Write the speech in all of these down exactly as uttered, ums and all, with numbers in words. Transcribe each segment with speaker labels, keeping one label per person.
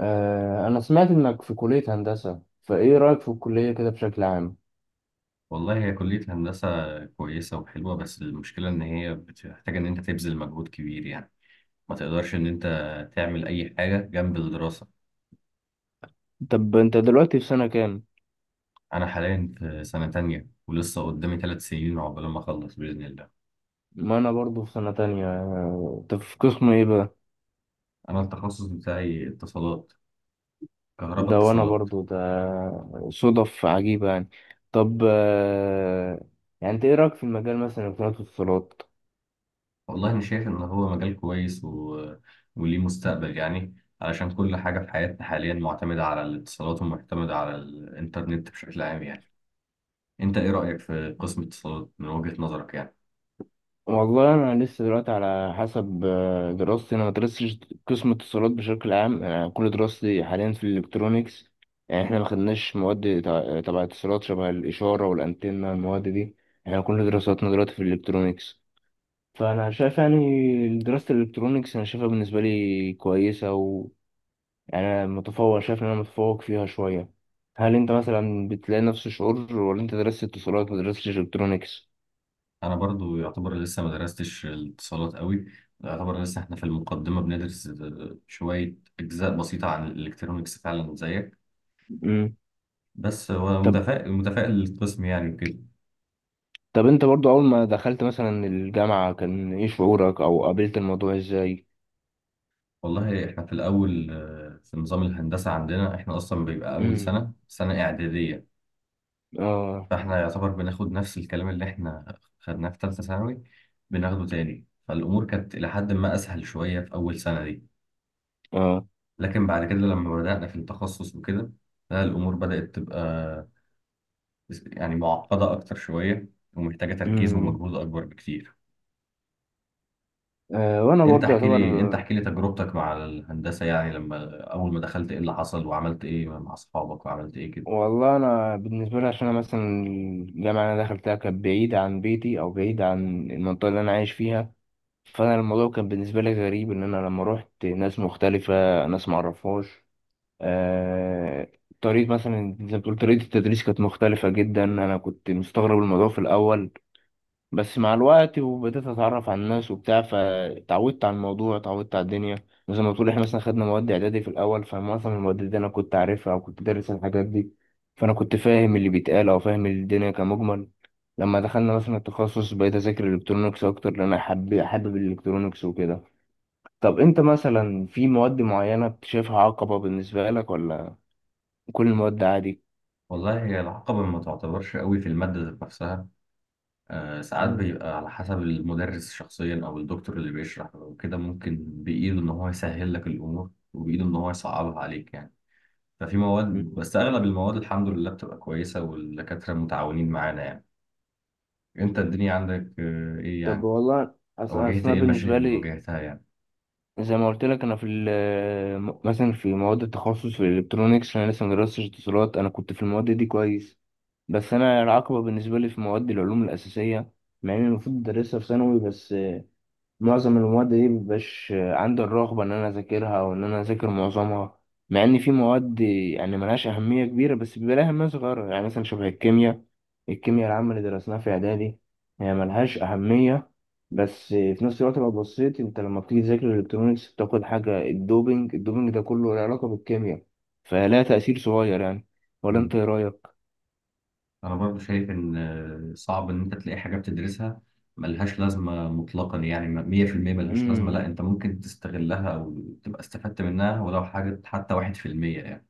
Speaker 1: آه، أنا سمعت إنك في كلية هندسة، فإيه رأيك في الكلية كده بشكل عام؟
Speaker 2: والله هي كلية هندسة كويسة وحلوة، بس المشكلة إن هي بتحتاج إن أنت تبذل مجهود كبير يعني. ما تقدرش إن أنت تعمل أي حاجة جنب الدراسة.
Speaker 1: طب أنت دلوقتي في سنة كام؟
Speaker 2: أنا حاليا في سنة تانية ولسه قدامي ثلاث سنين عقبال ما أخلص بإذن الله.
Speaker 1: ما أنا برضو في سنة تانية، آه، طب في قسم إيه بقى؟
Speaker 2: أنا التخصص بتاعي اتصالات، كهرباء
Speaker 1: ده وأنا
Speaker 2: اتصالات.
Speaker 1: برضو ده، صدف عجيبة يعني. طب، آه، يعني أنت إيه رأيك في المجال مثلا الاتصالات؟
Speaker 2: والله أنا شايف إن هو مجال كويس و... وليه مستقبل يعني، علشان كل حاجة في حياتنا حاليا معتمدة على الاتصالات ومعتمدة على الإنترنت بشكل عام يعني. أنت إيه رأيك في قسم اتصالات من وجهة نظرك يعني؟
Speaker 1: والله انا لسه دلوقتي على حسب آه، دراستي. انا ما درستش قسم اتصالات بشكل عام، انا كل دراستي حاليا في الالكترونيكس. يعني احنا ما خدناش مواد تع- تبع اتصالات، شبه الاشاره والانتنه، المواد دي. احنا كل دراستنا دلوقتي في الالكترونيكس. فانا شايف يعني دراسه الالكترونيكس، انا شايفها بالنسبه لي كويسه، و، يعني انا متفوق، شايف ان انا متفوق فيها شويه. هل انت مثلا بتلاقي نفس الشعور، ولا انت درست اتصالات ما درستش الكترونيكس؟
Speaker 2: انا برضو يعتبر لسه ما درستش الاتصالات قوي، يعتبر لسه احنا في المقدمه بندرس شويه اجزاء بسيطه عن الالكترونيكس فعلا زيك.
Speaker 1: مم.
Speaker 2: بس هو متفائل، متفائل للقسم يعني وكده.
Speaker 1: طب انت برضو، اول ما دخلت مثلا الجامعة كان ايه شعورك، او قابلت الموضوع ازاي؟
Speaker 2: والله احنا في الاول، آه، في نظام الهندسه عندنا احنا اصلا بيبقى اول
Speaker 1: امم.
Speaker 2: سنه سنه اعداديه.
Speaker 1: اه.
Speaker 2: فاحنا يعتبر بناخد نفس الكلام اللي احنا خدناه في ثالثه ثانوي، بناخده تاني. فالامور كانت الى حد ما اسهل شويه في اول سنه دي،
Speaker 1: اه.
Speaker 2: لكن بعد كده لما بدانا في التخصص وكده، لا الأمور بدأت تبقى بس- يعني معقدة أكتر شوية ومحتاجة تركيز
Speaker 1: امم.
Speaker 2: ومجهود أكبر بكتير.
Speaker 1: آه، وانا
Speaker 2: أنت
Speaker 1: برضو
Speaker 2: احكي
Speaker 1: يعتبر.
Speaker 2: لي أنت احكي لي تجربتك مع الهندسة يعني، لما أول ما دخلت إيه اللي حصل، وعملت إيه مع أصحابك وعملت إيه كده؟
Speaker 1: والله انا بالنسبة لي، عشان انا مثلا الجامعة اللي انا دخلتها كانت بعيدة عن بيتي، او بعيدة عن المنطقة اللي انا عايش فيها. فانا الموضوع كان بالنسبة لي غريب، ان انا لما روحت ناس مختلفة، ناس معرفهاش. آه. طريقة، مثلا زي ما بتقول، طريقة التدريس كانت مختلفة جدا. أنا كنت مستغرب الموضوع في الأول، بس مع الوقت وبدأت أتعرف على الناس وبتاع، فتعودت على الموضوع، تعودت على الدنيا. مثلا ما تقول، إحنا مثلا خدنا مواد إعدادي في الأول، فمعظم المواد دي أنا كنت عارفها أو كنت دارس الحاجات دي، فأنا كنت فاهم اللي بيتقال أو فاهم الدنيا كمجمل. لما دخلنا مثلا التخصص، بقيت أذاكر الإلكترونيكس أكتر، لأن أنا حابب حابب الإلكترونيكس وكده. طب أنت مثلا في مواد معينة بتشوفها عقبة بالنسبة لك، ولا كل المواد عادي؟
Speaker 2: والله هي العقبة ما تعتبرش قوي في المادة ذات نفسها. آه ساعات
Speaker 1: مم.
Speaker 2: بيبقى على حسب المدرس شخصيا أو الدكتور اللي بيشرح وكده، ممكن بإيده إن هو يسهل لك الأمور وبإيده إن هو يصعبها عليك يعني. ففي مواد،
Speaker 1: مم.
Speaker 2: بس أغلب المواد الحمد لله بتبقى كويسة والدكاترة متعاونين معانا يعني. أنت الدنيا عندك، آه، إيه
Speaker 1: طب
Speaker 2: يعني؟
Speaker 1: والله، أص-
Speaker 2: واجهت
Speaker 1: أصل أنا
Speaker 2: ايه المشاكل
Speaker 1: بالنسبة
Speaker 2: اللي
Speaker 1: لي،
Speaker 2: واجهتها يعني؟
Speaker 1: زي ما قلت لك، انا في ال- م- مثلا في مواد التخصص، في الالكترونيكس انا لسه مدرستش اتصالات، انا كنت في المواد دي كويس. بس انا العقبه بالنسبه لي في مواد العلوم الاساسيه، مع اني المفروض ادرسها في ثانوي. بس معظم المواد دي مبيبقاش عندي الرغبة إن أنا أذاكرها، أو إن أنا أذاكر معظمها. مع إن في مواد يعني ملهاش أهمية كبيرة، بس بيبقى لها أهمية صغيرة، يعني مثلا شبه الكيمياء. الكيمياء العامة اللي درسناها في إعدادي، هي ملهاش أهمية، بس في نفس الوقت لو بصيت، أنت لما بتيجي تذاكر الإلكترونيكس بتاخد حاجة الدوبينج الدوبينج ده كله له علاقة بالكيمياء. فلها تأثير صغير يعني. ولا
Speaker 2: مم.
Speaker 1: أنت إيه رأيك؟
Speaker 2: انا برضو شايف ان آه، صعب ان انت تلاقي حاجه بتدرسها ملهاش لازمه مطلقا، يعني م- مية في المية ملهاش لازمه.
Speaker 1: امم.
Speaker 2: لا، انت ممكن تستغلها او تبقى استفدت منها ولو حاجه حتى واحد في المية يعني.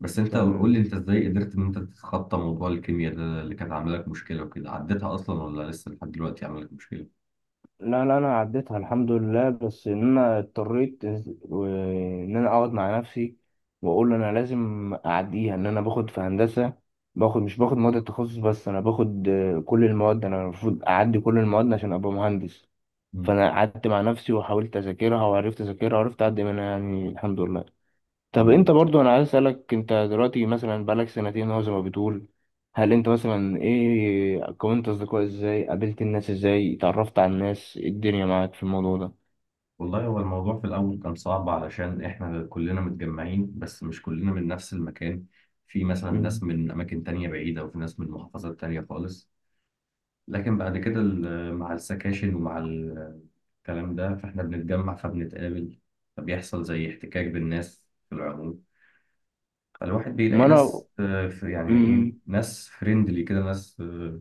Speaker 2: بس انت
Speaker 1: طب،
Speaker 2: قول لي، انت ازاي قدرت ان انت تتخطى موضوع الكيمياء ده اللي كانت عامله لك مشكله وكده؟ عديتها اصلا ولا لسه لحد دلوقتي عامله لك مشكله؟
Speaker 1: لا، لا، انا عديتها الحمد لله، بس ان انا اضطريت، و- ان انا اقعد مع نفسي واقول انا لازم اعديها، ان انا باخد في هندسه. باخد، مش باخد مواد التخصص بس، انا باخد آه، كل المواد. انا المفروض اعدي كل المواد عشان ابقى مهندس.
Speaker 2: مم.
Speaker 1: فانا قعدت مع نفسي وحاولت اذاكرها، وعرفت اذاكرها وعرفت اعدي منها، يعني الحمد لله. طب انت
Speaker 2: الحمد.
Speaker 1: برضو، انا عايز اسالك، انت دلوقتي مثلا بقالك سنتين اهو زي ما بتقول، هل انت مثلا، ايه، كونت اصدقاء ازاي، قابلت الناس ازاي، اتعرفت على الناس ايه الدنيا معاك في الموضوع ده؟
Speaker 2: والله هو الموضوع في الأول كان صعب، علشان إحنا كلنا متجمعين بس مش كلنا من نفس المكان. في مثلا ناس
Speaker 1: مم.
Speaker 2: من أماكن تانية بعيدة وفي ناس من محافظات تانية خالص. لكن بعد كده ال- مع السكاشن ومع ال- الكلام ده فإحنا بنتجمع فبنتقابل، فبيحصل زي احتكاك بالناس في العموم. فالواحد بيلاقي
Speaker 1: ما انا.
Speaker 2: ناس، آه، في- يعني إيه،
Speaker 1: مم.
Speaker 2: ناس فريندلي كده، ناس آه،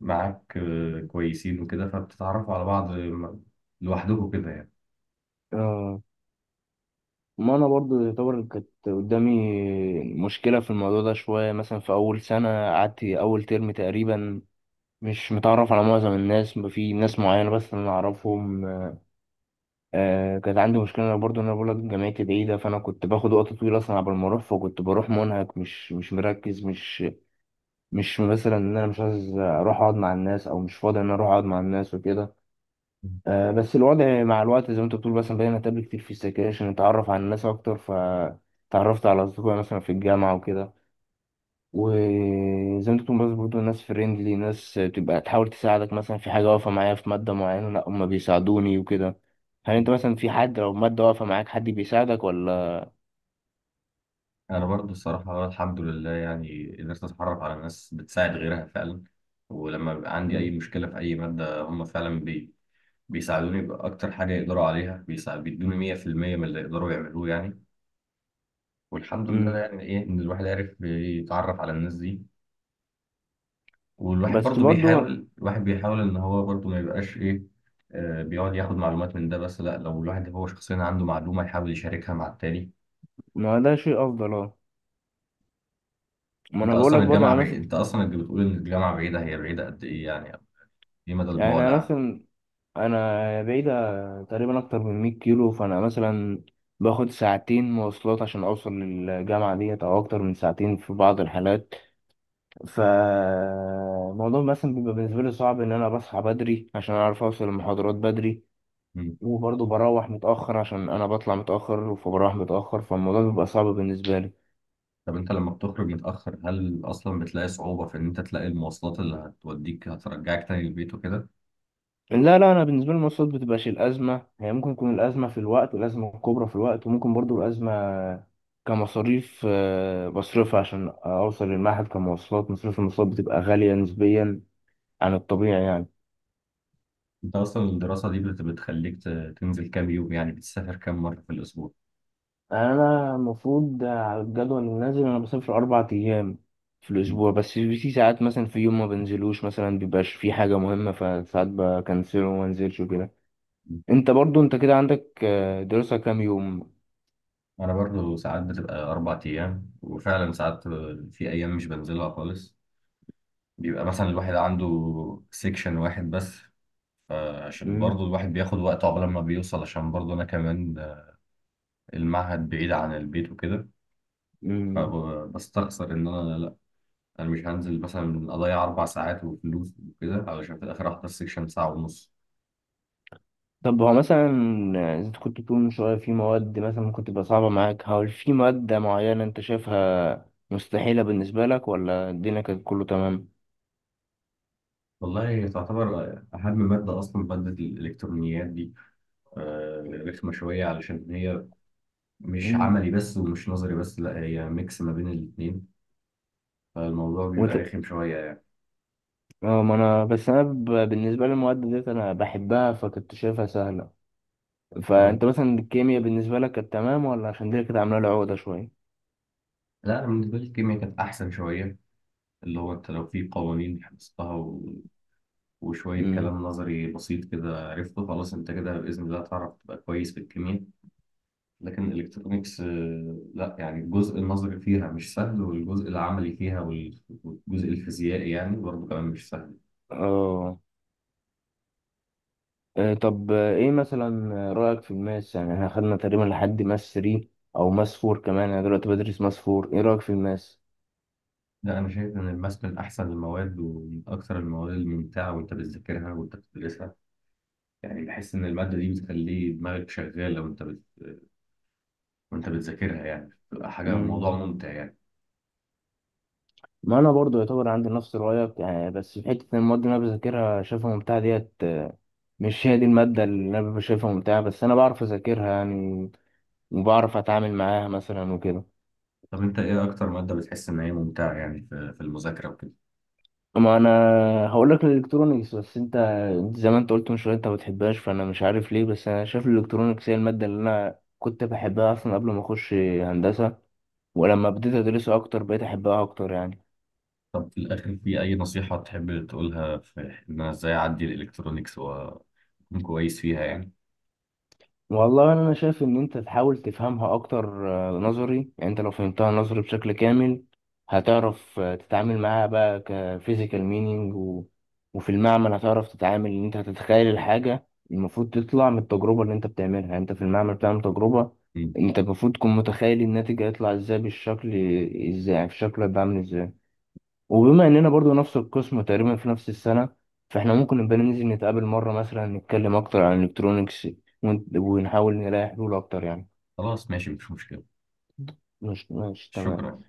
Speaker 2: معاك آه، كويسين وكده، فبتتعرفوا على بعض آه، لوحدكم كده يعني.
Speaker 1: آه. ما انا برضو يعتبر كانت قدامي مشكله في الموضوع ده شويه، مثلا في اول سنه قعدت اول ترم تقريبا مش متعرف على معظم الناس، في ناس معينه بس انا اعرفهم. آه، كانت عندي مشكلة أنا برضو، إن أنا بقولك جامعتي بعيدة، فأنا كنت باخد وقت طويل أصلا قبل ما أروح، فكنت بروح منهك، مش مش مركز، مش مش مثلا إن أنا مش عايز أروح أقعد مع الناس، أو مش فاضي إن أنا أروح أقعد مع الناس وكده. آه، بس الوضع مع الوقت، زي ما أنت بتقول، مثلا بقينا نتقابل كتير في السكاشن، نتعرف على الناس أكتر، فتعرفت على أصدقاء مثلا في الجامعة وكده. وزي ما انت بتقول، برضه برضه ناس فريندلي، ناس تبقى تحاول تساعدك مثلا في حاجة واقفة معايا في مادة معينة، لا هما بيساعدوني وكده. هل انت مثلا في حد، لو مادة واقفة معاك حد بيساعدك ولا؟
Speaker 2: انا برضو الصراحه الحمد لله يعني قدرت اتعرف على ناس بتساعد غيرها فعلا، ولما بيبقى عندي اي
Speaker 1: مم.
Speaker 2: مشكله في اي ماده هم فعلا بي بيساعدوني باكتر حاجه يقدروا عليها، بيسا- بيدوني مية في المية من اللي يقدروا يعملوه يعني. والحمد لله
Speaker 1: مم.
Speaker 2: يعني، ايه ان الواحد عرف يتعرف على الناس دي. والواحد
Speaker 1: بس
Speaker 2: برضو
Speaker 1: برضه.
Speaker 2: بيحاول، الواحد بيحاول ان هو برضو ما يبقاش ايه آه، بيقعد ياخد معلومات من ده بس. لا، لو الواحد هو شخصيا عنده معلومه يحاول يشاركها مع التاني.
Speaker 1: ما ده شيء أفضل، اه. ما
Speaker 2: انت
Speaker 1: أنا بقول
Speaker 2: اصلا
Speaker 1: لك برضه،
Speaker 2: الجامعه
Speaker 1: أنا
Speaker 2: بعيد،
Speaker 1: مثلا،
Speaker 2: انت اصلا اللي بتقول ان الجامعه بعيده، هي بعيده قد ايه يعني؟ دي مدى
Speaker 1: يعني
Speaker 2: البعد
Speaker 1: أنا
Speaker 2: عنه؟
Speaker 1: مثلا، أنا بعيدة تقريبا أكتر من 100 كيلو، فأنا مثلا باخد ساعتين مواصلات عشان أوصل للجامعة ديت، أو أكتر من ساعتين في بعض الحالات. فالموضوع مثلا بيبقى بالنسبة لي صعب، إن أنا بصحى بدري عشان أعرف أوصل المحاضرات بدري،
Speaker 2: مم.
Speaker 1: وبرضه بروح متأخر عشان أنا بطلع متأخر، فبروح متأخر، فالموضوع بيبقى صعب بالنسبة لي.
Speaker 2: طب انت لما بتخرج متأخر، هل اصلا بتلاقي صعوبة في ان انت تلاقي المواصلات اللي هتوديك هترجعك تاني البيت وكده؟
Speaker 1: لا، لا، أنا بالنسبة لي المواصلات بتبقاش الأزمة، هي ممكن تكون الأزمة في الوقت، والأزمة الكبرى في الوقت، وممكن برضه الأزمة كمصاريف آه، بصرفها عشان أوصل للمعهد كمواصلات. مصاريف المواصلات بتبقى غالية نسبيا عن الطبيعي يعني.
Speaker 2: انت اصلا الدراسة دي بت- بتخليك ت- تنزل كام يوم يعني، بتسافر كام مرة في الاسبوع؟
Speaker 1: انا المفروض على الجدول اللي نازل، انا بسافر اربع ايام في
Speaker 2: مم.
Speaker 1: الاسبوع، بس في ساعات مثلا في يوم ما بنزلوش، مثلا بيبقاش في حاجه مهمه، فساعات بكنسله وما انزلش وكده.
Speaker 2: مم.
Speaker 1: انت برضو، انت كده عندك آه، دراسه كام يوم؟
Speaker 2: انا برضو ساعات بتبقى اربع ايام، وفعلا ساعات في ايام مش بنزلها خالص، بيبقى مثلا الواحد عنده سيكشن واحد بس، عشان
Speaker 1: مم.
Speaker 2: برضو الواحد بياخد وقت عقبال ما بيوصل، عشان برضو انا كمان المعهد بعيد عن البيت وكده.
Speaker 1: مم.
Speaker 2: فبستخسر ان انا، لا انا مش هنزل مثلا اضيع اربع ساعات وفلوس وكده علشان في الاخر احضر سيكشن ساعه ونص.
Speaker 1: طب هو مثلا، آه، انت كنت بتقول من شويه في مواد مثلا ممكن تبقى صعبه معاك، هل في ماده معينه انت شايفها مستحيله بالنسبه لك، ولا الدنيا كانت كله تمام؟
Speaker 2: والله تعتبر اهم ماده اصلا ماده الالكترونيات دي، آه، رخمه شويه علشان هي مش
Speaker 1: مم.
Speaker 2: عملي بس ومش نظري بس، لا هي ميكس ما بين الاثنين، فالموضوع بيبقى رخم شويه يعني.
Speaker 1: اه. ما انا، بس انا ب... بالنسبه للمواد ديت انا بحبها، فكنت شايفها سهله.
Speaker 2: طب،
Speaker 1: فانت مثلا الكيمياء بالنسبه لك كانت تمام، ولا؟ عشان دي كانت عامله لي عقده شويه.
Speaker 2: لا انا بالنسبه لي الكيمياء كانت احسن شويه، اللي هو انت لو في قوانين حفظتها و... وشوية
Speaker 1: امم.
Speaker 2: كلام نظري بسيط كده عرفته، خلاص انت كده بإذن الله تعرف تبقى كويس في الكيمياء. لكن الالكترونيكس، آه، لا يعني الجزء النظري فيها مش سهل، والجزء العملي فيها وال- والجزء الفيزيائي يعني برضه كمان مش سهل.
Speaker 1: اه. آه، طب، آه، ايه مثلا رايك في الماس؟ يعني احنا خدنا تقريبا لحد ماس تلاته او ماس اربعه كمان، انا دلوقتي بدرس ماس اربعه. ايه رايك في الماس؟
Speaker 2: لا انا شايف ان الماس من احسن المواد ومن اكثر المواد الممتعه، وانت بتذاكرها وانت بتدرسها يعني بحس ان الماده دي بتخلي دماغك شغاله، وانت بت... وانت بتذاكرها يعني بتبقى حاجه، موضوع
Speaker 1: امم.
Speaker 2: ممتع يعني.
Speaker 1: ما انا برضو يعتبر عندي نفس رايك يعني، بس في حته إن المواد اللي انا بذاكرها شايفها ممتعه ديت، آه، مش هي دي الماده اللي انا ببقى شايفها ممتعه، بس انا بعرف اذاكرها يعني، وبعرف اتعامل معاها مثلا وكده.
Speaker 2: طب انت ايه اكتر ماده بتحس ان هي ممتعه يعني في, في المذاكره وكده؟
Speaker 1: ما انا هقول لك الالكترونيكس، بس انت انت زي ما انت قلت من شويه انت ما بتحبهاش، فانا مش عارف ليه. بس انا شايف الالكترونيكس هي الماده اللي انا كنت بحبها اصلا قبل ما اخش هندسه، ولما بديت ادرسها اكتر بقيت احبها اكتر يعني.
Speaker 2: طب في الاخر في اي نصيحه تحب تقولها في ان انا ازاي اعدي الالكترونيكس و... أكون كويس فيها يعني؟
Speaker 1: والله انا شايف ان انت تحاول تفهمها اكتر، آه، نظري يعني. انت لو فهمتها نظري بشكل كامل، هتعرف آه، تتعامل معاها بقى كفيزيكال مينينج، و... وفي المعمل هتعرف تتعامل، ان انت هتتخيل الحاجة المفروض تطلع من التجربة اللي انت بتعملها. يعني انت في المعمل بتعمل تجربة،
Speaker 2: مم.
Speaker 1: انت المفروض تكون متخيل الناتج هيطلع ازاي بالشكل، ازاي يعني في شكله هيبقى عامل ازاي. وبما اننا برضو نفس القسم تقريبا في نفس السنه، فاحنا ممكن نبقى ننزل نتقابل مره مثلا، نتكلم اكتر عن الالكترونيكس، ون- ونحاول نلاقي حلول اكتر يعني.
Speaker 2: خلاص ماشي، مفيش مشكلة.
Speaker 1: مش مش تمام.
Speaker 2: شكرا.